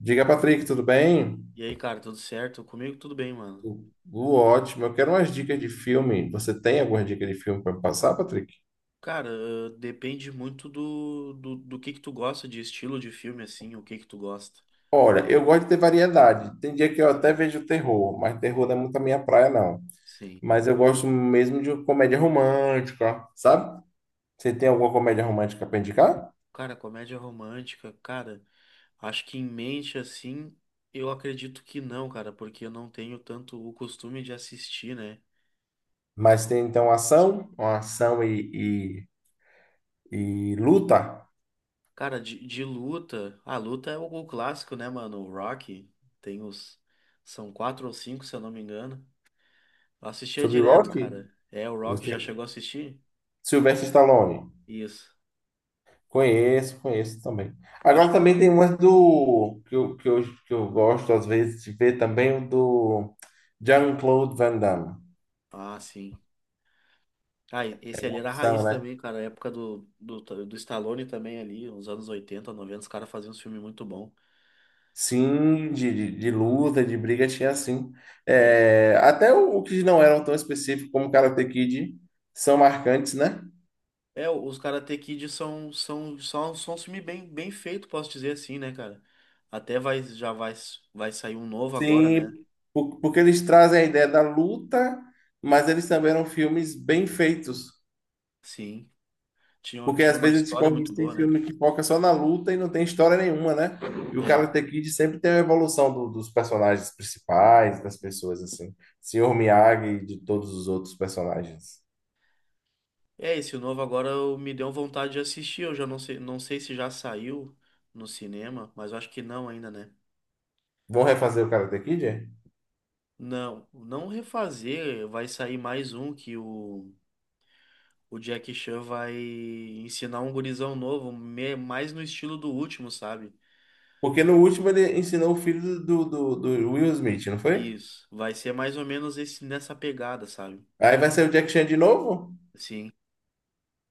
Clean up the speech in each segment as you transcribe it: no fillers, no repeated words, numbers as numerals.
Diga, Patrick, tudo bem? E aí, cara, tudo certo? Comigo tudo bem, mano. Tudo ótimo. Eu quero umas dicas de filme. Você tem algumas dicas de filme para passar, Patrick? Cara, depende muito do que tu gosta de estilo de filme, assim, o que que tu gosta. Olha, eu gosto de ter variedade. Tem dia que eu até Sim, vejo terror, mas terror não é muito a minha praia, não. sim. Mas eu gosto mesmo de comédia romântica, sabe? Você tem alguma comédia romântica para indicar? Cara, comédia romântica, cara, acho que em mente, assim, eu acredito que não, cara, porque eu não tenho tanto o costume de assistir, né? Mas tem então ação, uma ação e luta Cara, de luta, a luta é o clássico, né, mano? O Rock, tem os, são quatro ou cinco, se eu não me engano. Eu assistia sobre direto, Rock? cara. É, o Rock já Você... chegou a assistir? Sylvester Stallone. Isso. Conheço, conheço também. Acho. Agora também tem umas do que eu gosto às vezes de ver também o do Jean-Claude Van Damme. Ah, sim. Ah, esse ali era a Opção, raiz né? também, cara. A época do Stallone também ali, os anos 80, 90 os caras faziam uns filmes muito bom. Sim, de luta, de briga tinha sim. É, É, até o que não eram tão específicos como Karate Kid são marcantes, né? é os Karate Kid são um filme bem feito, posso dizer assim, né, cara? Até vai, já vai, vai sair um novo agora, Sim, né? Porque eles trazem a ideia da luta, mas eles também eram filmes bem feitos. Sim. Tinha, Porque tinha às uma vezes tipo, história muito tem boa, né? filme que foca só na luta e não tem história nenhuma, né? E o É. Karate Kid sempre tem a evolução dos personagens principais, das pessoas, assim. Senhor Miyagi e de todos os outros personagens. É, esse novo agora me deu vontade de assistir. Eu já não sei, não sei se já saiu no cinema, mas eu acho que não ainda, né? Vão refazer o Karate Kid? É? Não, não refazer, vai sair mais um que o Jack Chan vai ensinar um gurizão novo, mais no estilo do último, sabe? Porque no último ele ensinou o filho do Will Smith, não foi? Isso, vai ser mais ou menos esse nessa pegada, sabe? Aí vai ser o Jack Chan de novo? Sim.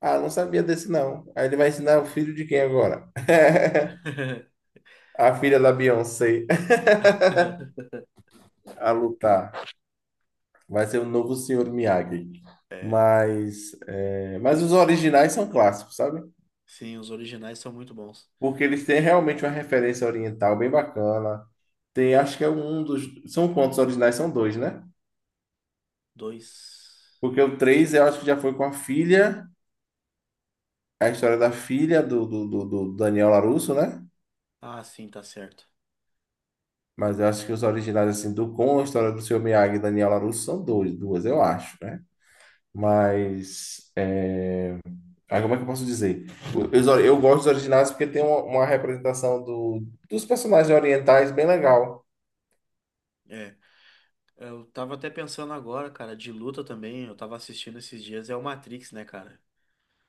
Ah, não sabia desse não. Aí ele vai ensinar o filho de quem agora? A filha da Beyoncé a lutar. Vai ser o novo Senhor Miyagi. É, Mas, é, mas os originais são clássicos, sabe? sim, os originais são muito bons. Porque eles têm realmente uma referência oriental bem bacana. Tem, acho que é um dos. São quantos originais? São dois, né? Dois. Porque o três eu acho que já foi com a filha, a história da filha do Daniel LaRusso, né? Ah, sim, tá certo. Mas eu acho que os originais, assim, do com a história do Senhor Miyagi e Daniel LaRusso são dois, duas, eu acho, né? É. Mas. Ah, como é que eu posso dizer? Eu gosto dos originais porque tem uma representação dos personagens orientais bem legal. É. Eu tava até pensando agora, cara, de luta também, eu tava assistindo esses dias, é o Matrix, né, cara?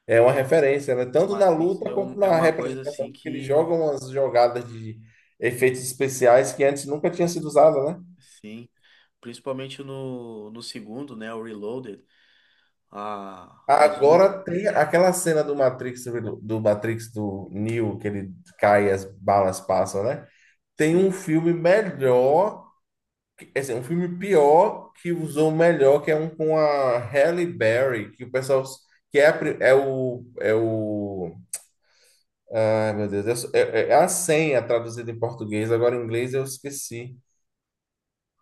É uma referência, né? O Tanto na Matrix luta é, quanto um, é na uma coisa assim representação, porque eles que. jogam umas jogadas de efeitos especiais que antes nunca tinha sido usada, né? Sim. Principalmente no segundo, né? O Reloaded. A, as lutas. Agora tem aquela cena do Matrix, do Matrix do Neo, que ele cai e as balas passam, né? Tem um Sim. filme melhor é assim, um filme pior que usou o melhor, que é um com a Halle Berry, que o pessoal. Que é, é o. É o. Ai, meu Deus. É a senha traduzida em português, agora em inglês eu esqueci.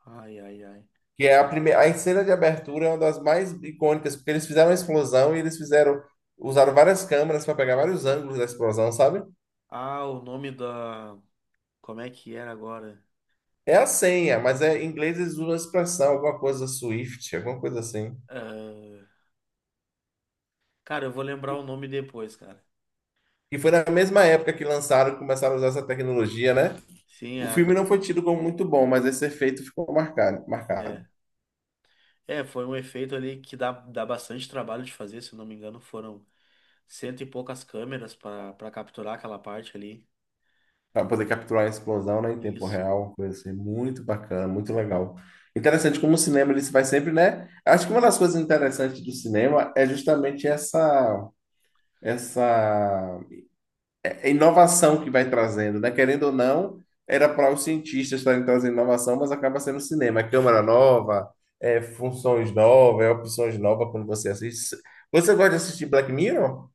Ai, ai, ai. Que é a primeira. A cena de abertura é uma das mais icônicas, porque eles fizeram a explosão e eles fizeram. Usaram várias câmeras para pegar vários ângulos da explosão, sabe? Ah, o nome da. Como é que era agora? É a senha, mas é, em inglês eles usam a expressão, alguma coisa Swift, alguma coisa assim. Ah, cara, eu vou lembrar o nome depois, cara. E foi na mesma época que lançaram, começaram a usar essa tecnologia, né? Sim, é O a filme não do. foi tido como muito bom, mas esse efeito ficou marcado, marcado. É. É, foi um efeito ali que dá bastante trabalho de fazer, se eu não me engano, foram cento e poucas câmeras para capturar aquela parte ali. Para poder capturar a explosão, né, em tempo Isso. real, foi assim, muito bacana, muito legal. Interessante como o cinema ele se vai sempre, né? Acho que uma das coisas interessantes do cinema é justamente essa inovação que vai trazendo, né? Querendo ou não, era para os cientistas estarem trazendo inovação, mas acaba sendo o cinema. É câmera nova, é, funções novas, é, opções novas quando você assiste. Você gosta de assistir Black Mirror?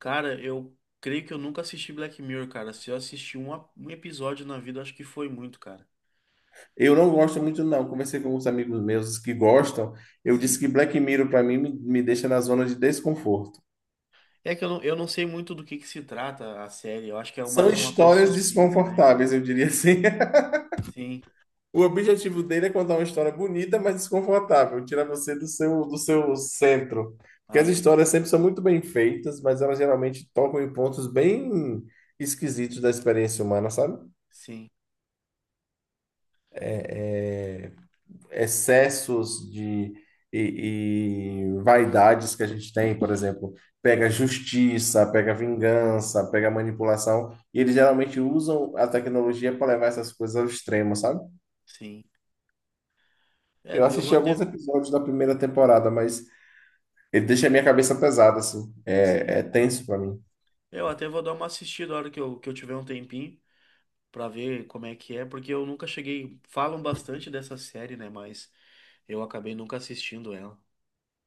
Cara, eu creio que eu nunca assisti Black Mirror, cara. Se eu assisti um episódio na vida, acho que foi muito, cara. Eu não gosto muito, não. Conversei com alguns amigos meus que gostam. Eu disse Sim. que Black Mirror, para mim, me deixa na zona de desconforto. É que eu não sei muito do que se trata a série. Eu acho que é São mais uma coisa de histórias suspense, né? desconfortáveis, eu diria assim. Sim. O objetivo dele é contar uma história bonita, mas desconfortável, tirar você do seu centro. Porque Ah, as entendi. histórias sempre são muito bem feitas, mas elas geralmente tocam em pontos bem esquisitos da experiência humana, sabe? Sim, É, é, excessos de e vaidades que a gente tem, por exemplo, pega justiça, pega vingança, pega manipulação, e eles geralmente usam a tecnologia para levar essas coisas ao extremo, sabe? sim. Eu É, eu vou assisti até. alguns episódios da primeira temporada, mas ele deixa a minha cabeça pesada, assim, é, Sim. é tenso para mim. Eu até vou dar uma assistida na hora que eu tiver um tempinho pra ver como é que é, porque eu nunca cheguei. Falam bastante dessa série, né? Mas eu acabei nunca assistindo ela.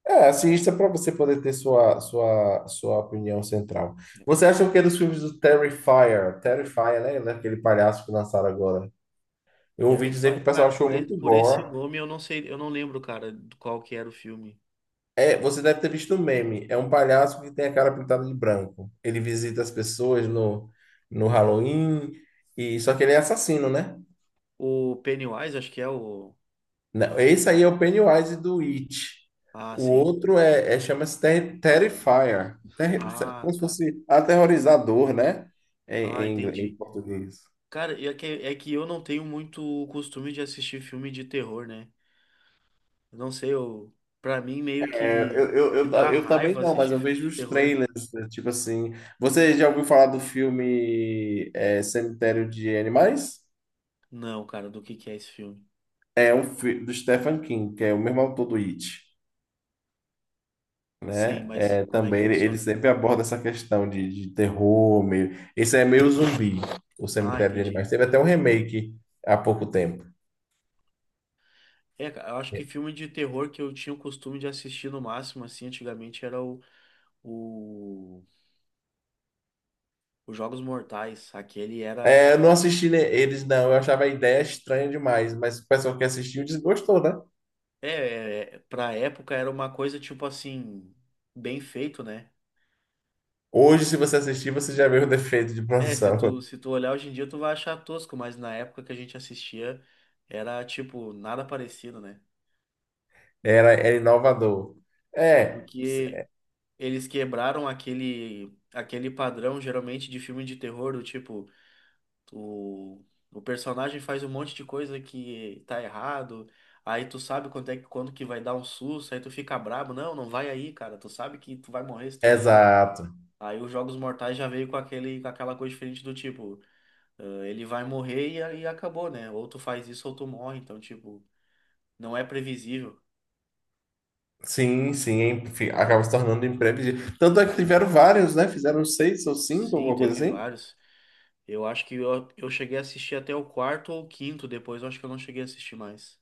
É, assista para você poder ter sua opinião central. É, Você sim. acha o que dos filmes do Terrifier? Terrifier, né? Ele é aquele palhaço que lançaram agora. Eu ouvi dizer Terrify. que o pessoal Cara, achou por, e- muito por esse gore. nome eu não sei, eu não lembro, cara, do qual que era o filme. É, você deve ter visto um meme. É um palhaço que tem a cara pintada de branco. Ele visita as pessoas no Halloween, e só que ele é assassino, né? O Pennywise, acho que é o. Não, esse aí é o Pennywise do It. Ah, O sim. outro é, chama-se Terrifier. Ah, Como se tá. fosse aterrorizador, né? Ah, Em, em, entendi. em português. Cara, é que eu não tenho muito o costume de assistir filme de terror, né? Eu não sei, pra mim meio que me dá Eu também raiva não, mas assistir eu filme vejo de os terror. trailers, né, tipo assim. Você já ouviu falar do filme é, Cemitério de Animais? Não, cara, do que é esse filme? É um filme do Stephen King, que é o mesmo autor do It, Sim, né? mas É, como é que também ele funciona? sempre aborda essa questão de terror, meio. Esse é meio zumbi, o Ah, Cemitério de entendi. Animais. Teve até um remake há pouco tempo. É, cara, eu acho que filme de terror que eu tinha o costume de assistir no máximo, assim, antigamente era o, os Jogos Mortais. Aquele era. É, eu não assisti eles, não. Eu achava a ideia estranha demais, mas o pessoal que assistiu desgostou, né? É, pra época era uma coisa tipo assim, bem feito, né? Hoje, se você assistir, você já vê o defeito de É, se produção. tu, se tu olhar hoje em dia, tu vai achar tosco, mas na época que a gente assistia, era tipo, nada parecido, né? Era, era inovador. É, Porque eles quebraram aquele padrão, geralmente, de filme de terror, do tipo, o, o personagem faz um monte de coisa que tá errado, aí tu sabe quando é, quando que vai dar um susto, aí tu fica brabo, não, não vai aí, cara, tu sabe que tu vai morrer se tu ir aí. exato. Aí os Jogos Mortais já veio com aquele, com aquela coisa diferente do tipo. Ah, ele vai morrer e, aí acabou, né? Ou tu faz isso ou tu morre. Então, tipo, não é previsível. Sim, sim, acaba se tornando imprevisível. Tanto é que tiveram vários, né? Fizeram seis ou cinco, Sim, alguma coisa teve assim. vários. Eu acho que eu cheguei a assistir até o quarto ou o quinto, depois eu acho que eu não cheguei a assistir mais.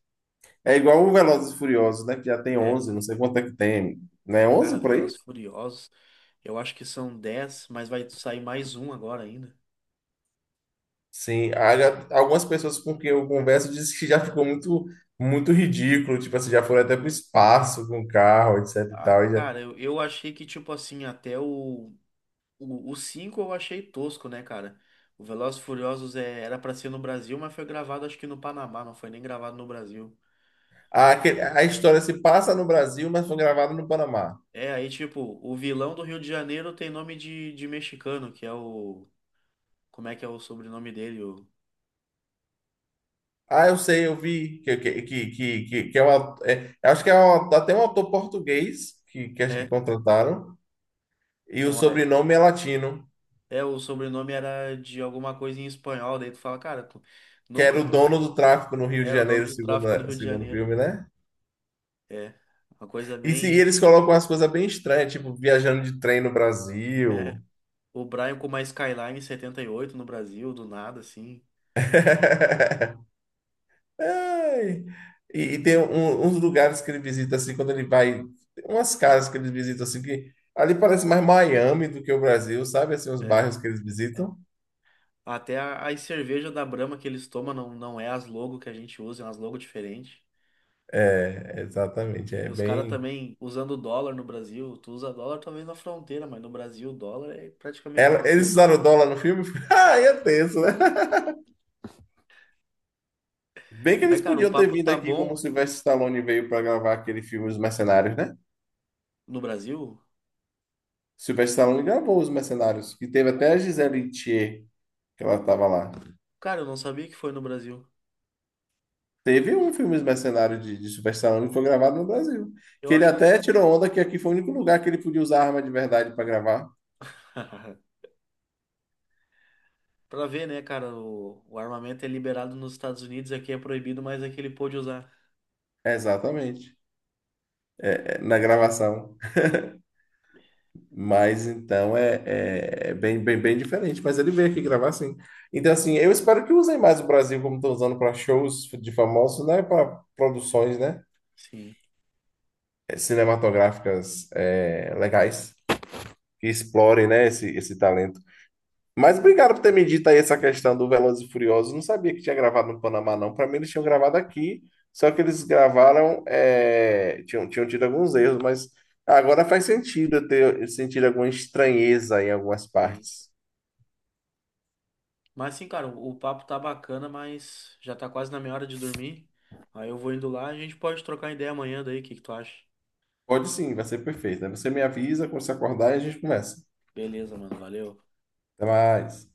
É igual o Velozes e Furiosos, né? Que já tem É, 11, não sei quanto é que tem. Né? cara, 11 por aí? Velozes e Furiosos, eu acho que são 10, mas vai sair mais um agora ainda. Sim. Há algumas pessoas com quem eu converso dizem que já ficou muito, muito ridículo. Tipo assim, já foram até pro espaço com o carro, etc e Ah, tal. Cara, eu achei que, tipo assim, até o 5 eu achei tosco, né, cara? O Velozes e Furiosos era pra ser no Brasil, mas foi gravado acho que no Panamá, não foi nem gravado no Brasil. A história se passa no Brasil, mas foi gravada no Panamá. É, aí, tipo, o vilão do Rio de Janeiro tem nome de mexicano, que é o. Como é que é o sobrenome dele? O. Ah, eu sei, eu vi que, que é é, acho que é até um autor português que, acho que É, contrataram, e é, o uma. sobrenome é latino, É, o sobrenome era de alguma coisa em espanhol, daí tu fala, cara, tu que era nunca o viu. dono do tráfico no Rio de Era o dono Janeiro, do segundo, tráfico no Rio de segundo o Janeiro. filme, né? É, uma coisa E, se, e bem. eles colocam umas coisas bem estranhas, tipo viajando de trem no É, Brasil. o Brian com uma Skyline 78 no Brasil, do nada, assim. Ai. E tem uns lugares que ele visita assim, quando ele vai, tem umas casas que ele visita assim, que ali parece mais Miami do que o Brasil, sabe? Assim, os É. bairros que eles visitam. Até as cervejas da Brahma que eles tomam não é as logo que a gente usa, é umas logo diferentes. É, exatamente. E É os caras bem. também usando dólar no Brasil. Tu usa dólar talvez na fronteira, mas no Brasil o dólar é praticamente Eles impossível. usaram o dólar no filme? Ah, ia tenso, né? Bem que Mas, eles cara, o podiam ter papo vindo tá aqui como bom o Sylvester Stallone veio para gravar aquele filme Os Mercenários, né? no Brasil? Sylvester Stallone gravou Os Mercenários, que teve até a Gisele Thier, que ela estava lá. Cara, eu não sabia que foi no Brasil. Teve um filme Os Mercenários de Sylvester Stallone que foi gravado no Brasil. Que Eu ele acho que. Eu- até tirou onda que aqui foi o único lugar que ele podia usar arma de verdade para gravar. Pra ver, né, cara, o armamento é liberado nos Estados Unidos, aqui é proibido, mas aqui ele pôde usar. Exatamente. É, na gravação. Mas então é, é bem, bem, bem diferente. Mas ele veio aqui gravar sim. Então, assim, eu espero que usem mais o Brasil como estão usando para shows de famosos, né? Para produções, né? Sim, cinematográficas, legais que explorem, né? Esse talento. Mas obrigado por ter me dito aí essa questão do Velozes e Furiosos. Não sabia que tinha gravado no Panamá, não. Para mim, eles tinham gravado aqui, só que eles gravaram, tinham tido alguns erros, mas agora faz sentido eu ter sentido alguma estranheza em algumas sim. partes. Mas sim, cara, o papo tá bacana, mas já tá quase na minha hora de dormir. Aí eu vou indo lá, a gente pode trocar ideia amanhã daí, o que que tu acha? Pode sim, vai ser perfeito. Aí você me avisa quando você acordar e a gente começa. Beleza, mano, valeu. Até mais.